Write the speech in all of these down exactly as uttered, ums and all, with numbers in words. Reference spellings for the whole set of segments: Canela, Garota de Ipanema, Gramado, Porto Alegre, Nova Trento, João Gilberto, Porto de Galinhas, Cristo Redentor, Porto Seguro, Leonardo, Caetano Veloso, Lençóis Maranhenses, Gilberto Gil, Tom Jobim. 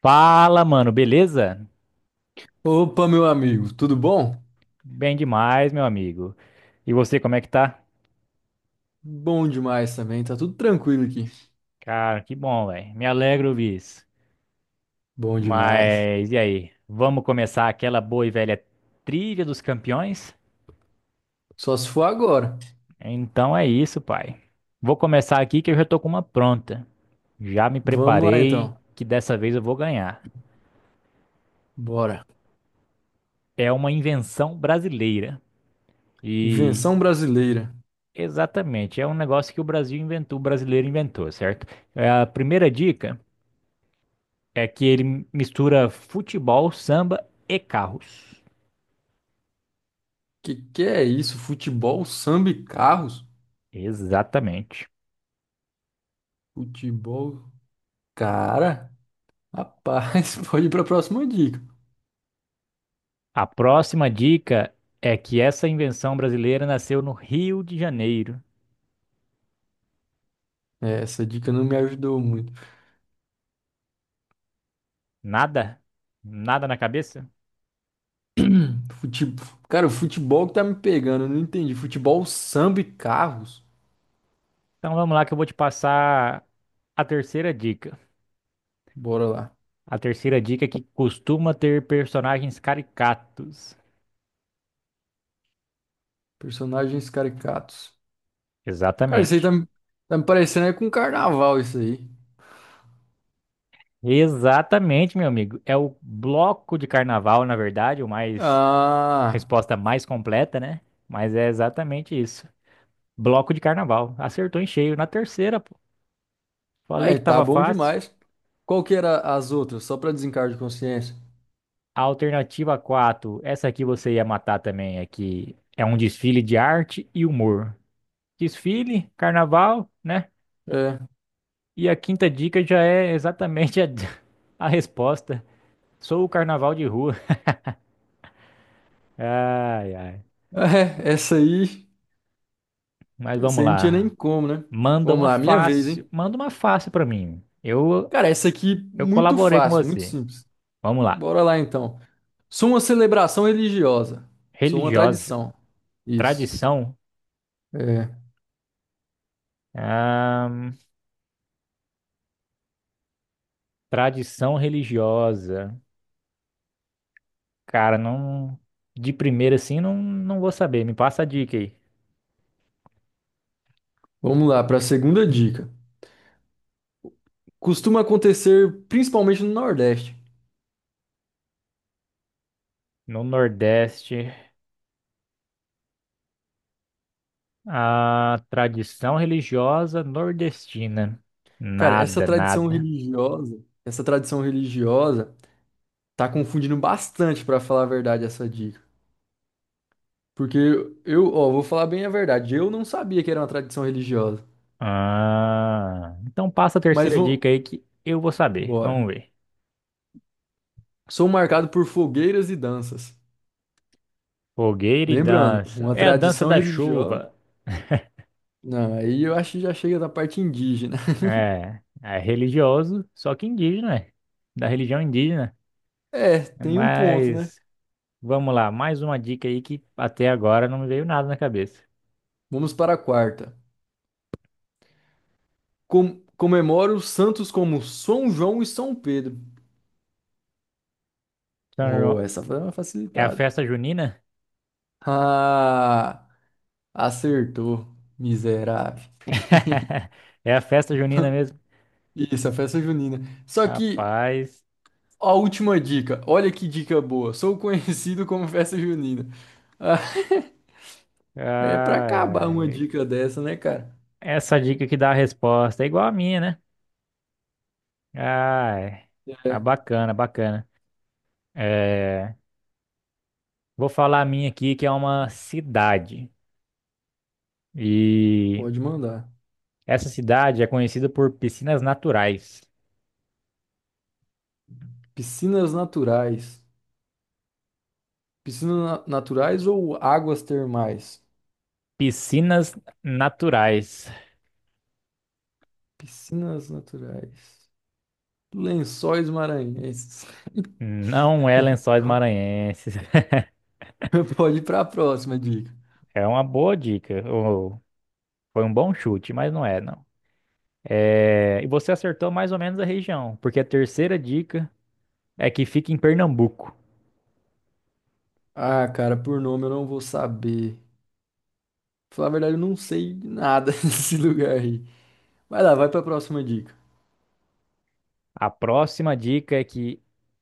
Fala, mano, beleza? Opa, meu amigo, tudo bom? Bem demais, meu amigo. E você, como é que tá? Bom demais também, tá tudo tranquilo aqui. Cara, que bom, velho. Me alegro ouvir isso. Bom demais. Mas e aí? Vamos começar aquela boa e velha trilha dos campeões? Só se for agora. Então é isso, pai. Vou começar aqui que eu já tô com uma pronta. Já me Vamos lá preparei então. que dessa vez eu vou ganhar. Bora. É uma invenção brasileira. E Invenção brasileira. Exatamente, é um negócio que o Brasil inventou, o brasileiro inventou, certo? É a primeira dica. É que ele mistura futebol, samba e carros. Que que é isso? Futebol, samba e carros? Exatamente. Futebol. Cara, rapaz, pode ir pra próxima dica. A próxima dica é que essa invenção brasileira nasceu no Rio de Janeiro. É, essa dica não me ajudou muito. Nada? Nada na cabeça? Fute... Cara, o futebol que tá me pegando, eu não entendi. Futebol, samba e carros? Então vamos lá que eu vou te passar a terceira dica. Bora lá. A terceira dica é que costuma ter personagens caricatos. Personagens caricatos. Cara, isso aí tá, Exatamente. me- tá me parecendo é com carnaval, isso aí. Exatamente, meu amigo. É o bloco de carnaval, na verdade, o mais a Ah, resposta mais completa, né? Mas é exatamente isso. Bloco de carnaval. Acertou em cheio. Na terceira, pô. Falei é, que tá tava bom fácil. demais. Qual que era as outras? Só pra desencargo de consciência. A alternativa quatro. Essa aqui você ia matar também, é que é um desfile de arte e humor. Desfile, carnaval, né? É. E a quinta dica já é exatamente a, a resposta. Sou o carnaval de rua. Ai, ai. É, essa aí, Mas essa vamos aí não tinha nem lá. como, né? Manda Vamos uma lá, minha vez, fácil. hein? Manda uma fácil pra mim. Eu, Cara, essa aqui eu muito colaborei com fácil, muito você. simples. Vamos lá. Bora lá então. Sou uma celebração religiosa. Sou uma Religiosa. tradição. Isso. Tradição. É. Ahn, Tradição religiosa. Cara, não. De primeira assim, não, não vou saber. Me passa a dica aí. Vamos lá para a segunda dica. Costuma acontecer principalmente no Nordeste. No Nordeste. A tradição religiosa nordestina. Cara, essa Nada, tradição nada. religiosa, essa tradição religiosa tá confundindo bastante, pra falar a verdade, essa dica. Porque eu, ó, vou falar bem a verdade, eu não sabia que era uma tradição religiosa. Ah, então passa a Mas terceira vou, dica aí que eu vou saber. Vamos bora. ver. Sou marcado por fogueiras e danças. Fogueira e Lembrando, dança. uma É a dança tradição da religiosa. chuva. Não, aí eu acho que já chega da parte indígena. É, é religioso, só que indígena, é. Da religião indígena. É, tem um ponto, né? Mas vamos lá, mais uma dica aí que até agora não me veio nada na cabeça. Vamos para a quarta. Com, comemoro os santos como São João e São Pedro. São Oh, João- essa foi uma É a facilitada. festa junina? Ah, acertou, miserável. É a festa junina mesmo? Isso, a festa junina. Só que Rapaz, a última dica, olha que dica boa. Sou conhecido como festa junina. Ah, é pra ai, acabar uma ai. dica dessa, né, cara? Essa dica que dá a resposta é igual a minha, né? Ai, ah, É, bacana, bacana. É, vou falar a minha aqui, que é uma cidade. E pode mandar. essa cidade é conhecida por piscinas naturais. Piscinas naturais. Piscinas na- naturais ou águas termais? Piscinas naturais. Piscinas naturais. Lençóis maranhenses. Não é Lençóis Maranhenses. Pode ir pra próxima dica. É uma boa dica. Ou Foi um bom chute, mas não é, não. É, E você acertou mais ou menos a região, porque a terceira dica é que fica em Pernambuco. Ah, cara, por nome eu não vou saber. Falar a verdade, eu não sei de nada desse lugar aí. Vai lá, vai pra próxima dica. A próxima dica é que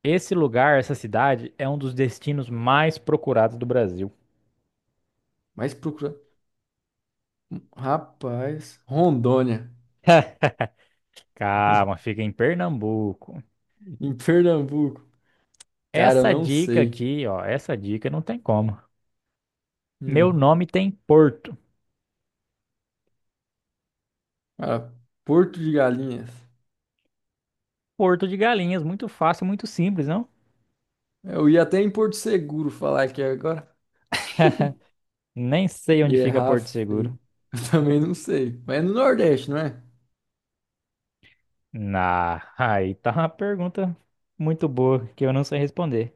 esse lugar, essa cidade, é um dos destinos mais procurados do Brasil. Mas procura. Rapaz, Rondônia, Calma, fica em Pernambuco. em Pernambuco. Cara, eu Essa não dica sei. aqui, ó, essa dica não tem como. Meu Hum. nome tem Porto. Ah, Porto de Galinhas. Porto de Galinhas, muito fácil, muito simples, não? Eu ia até em Porto Seguro falar aqui agora. Nem sei onde E fica errar Porto Seguro. feio. Eu também não sei. Mas é no Nordeste, não é? Na, aí tá uma pergunta muito boa que eu não sei responder.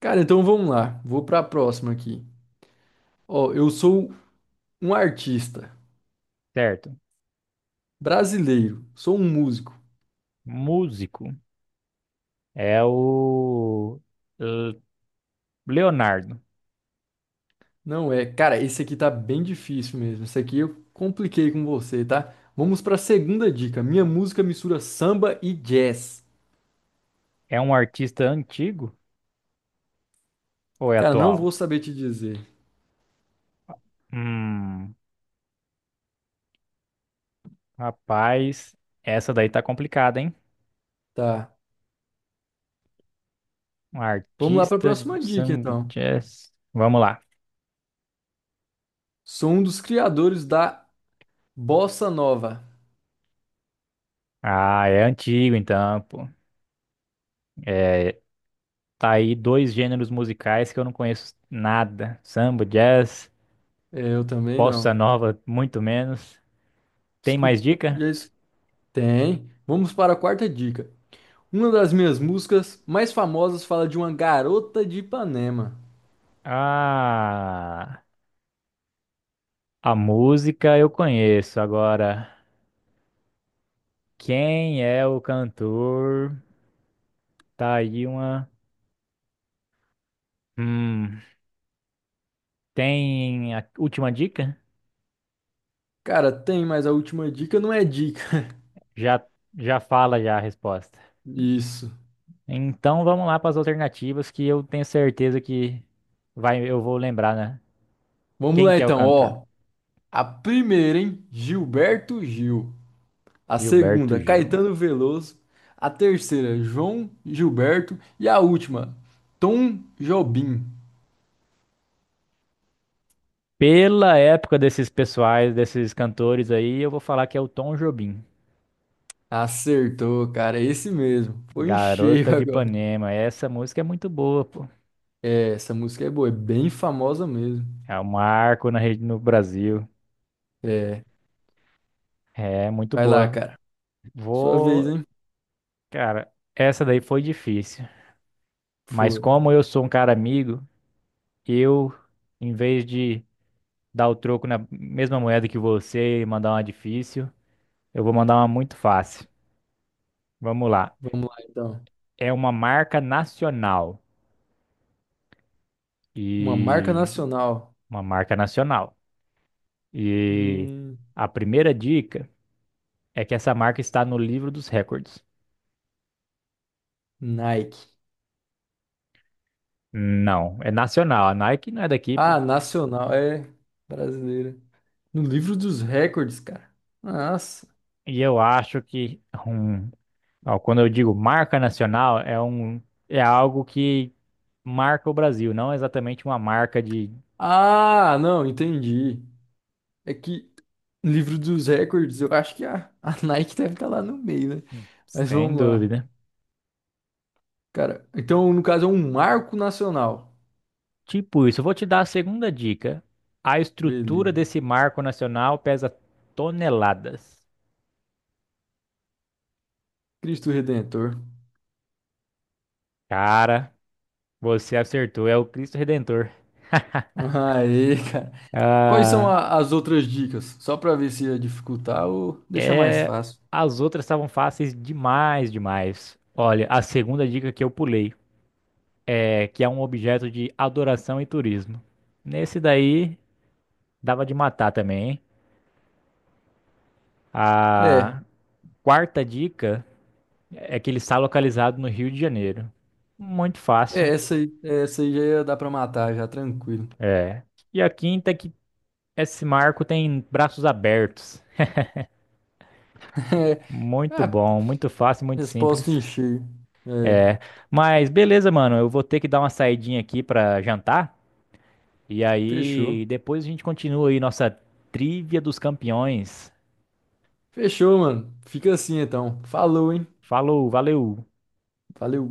Cara, então vamos lá. Vou pra próxima aqui. Ó, eu sou um artista Certo. brasileiro. Sou um músico. Músico é o L- Leonardo. Não é, cara, esse aqui tá bem difícil mesmo. Esse aqui eu compliquei com você, tá? Vamos pra segunda dica. Minha música mistura samba e jazz. É um artista antigo ou é Cara, não atual? vou saber te dizer, Hum, Rapaz, essa daí tá complicada, hein? tá? Um Vamos lá pra artista próxima de dica, São então. Jazz. Vamos lá. Sou um dos criadores da bossa nova. Ah, é antigo então, pô. É, tá aí dois gêneros musicais que eu não conheço nada. Samba, jazz. É, eu também Bossa não. nova, muito menos. Tem Escu- mais dica? já es- Tem. Vamos para a quarta dica. Uma das minhas músicas mais famosas fala de uma garota de Ipanema. Ah, a música eu conheço. Agora, quem é o cantor? Tá aí uma. Hum, Tem a última dica? Cara, tem, mas a última dica não é dica. Já, já fala já a resposta. Isso. Então vamos lá para as alternativas que eu tenho certeza que vai, eu vou lembrar, né? Vamos Quem lá que é o então, cantor? ó. A primeira, hein? Gilberto Gil. A Gilberto segunda, Gil. Caetano Veloso. A terceira, João Gilberto. E a última, Tom Jobim. Pela época desses pessoais, desses cantores aí, eu vou falar que é o Tom Jobim. Acertou, cara, é esse mesmo. Foi em Garota cheio de agora. Ipanema. Essa música é muito boa, pô. É, essa música é boa, é bem famosa mesmo. É um marco na rede no Brasil. É, É muito vai lá, boa. cara. Sua vez, Vou, hein? cara, essa daí foi difícil. Mas Foi. como eu sou um cara amigo, eu, em vez de dar o troco na mesma moeda que você e mandar uma difícil, eu vou mandar uma muito fácil. Vamos lá. Vamos lá então. É uma marca nacional Uma marca e nacional. uma marca nacional. E Hum, a primeira dica é que essa marca está no livro dos recordes. Nike. Não, é nacional. A Nike não é daqui, pô. Ah, nacional, é brasileira. No livro dos recordes, cara. Nossa. E eu acho que um, ó, quando eu digo marca nacional, é um é algo que marca o Brasil, não exatamente uma marca de, Ah, não, entendi. É que no livro dos recordes, eu acho que a, a Nike deve estar lá no meio, né? Mas sem vamos lá. dúvida. Cara, então no caso é um marco nacional. Tipo isso, eu vou te dar a segunda dica. A estrutura Beleza. desse marco nacional pesa toneladas. Cristo Redentor. Cara, você acertou, é o Cristo Redentor. Aê, cara. Quais são Ah, a- as outras dicas? Só pra ver se ia dificultar ou deixar mais é, fácil. as outras estavam fáceis demais, demais. Olha, a segunda dica que eu pulei. É, que é um objeto de adoração e turismo. Nesse daí, dava de matar também, hein? É, A quarta dica é que ele está localizado no Rio de Janeiro. Muito é fácil. essa aí, essa aí já ia dar pra matar, já tranquilo. É. E a quinta é que esse marco tem braços abertos. É, Muito ah, bom, muito fácil, muito resposta simples. encher. É, É. Mas beleza, mano, eu vou ter que dar uma saidinha aqui pra jantar. E fechou. aí, depois a gente continua aí nossa trivia dos campeões. Fechou, mano. Fica assim então. Falou, hein? Falou, valeu! Valeu.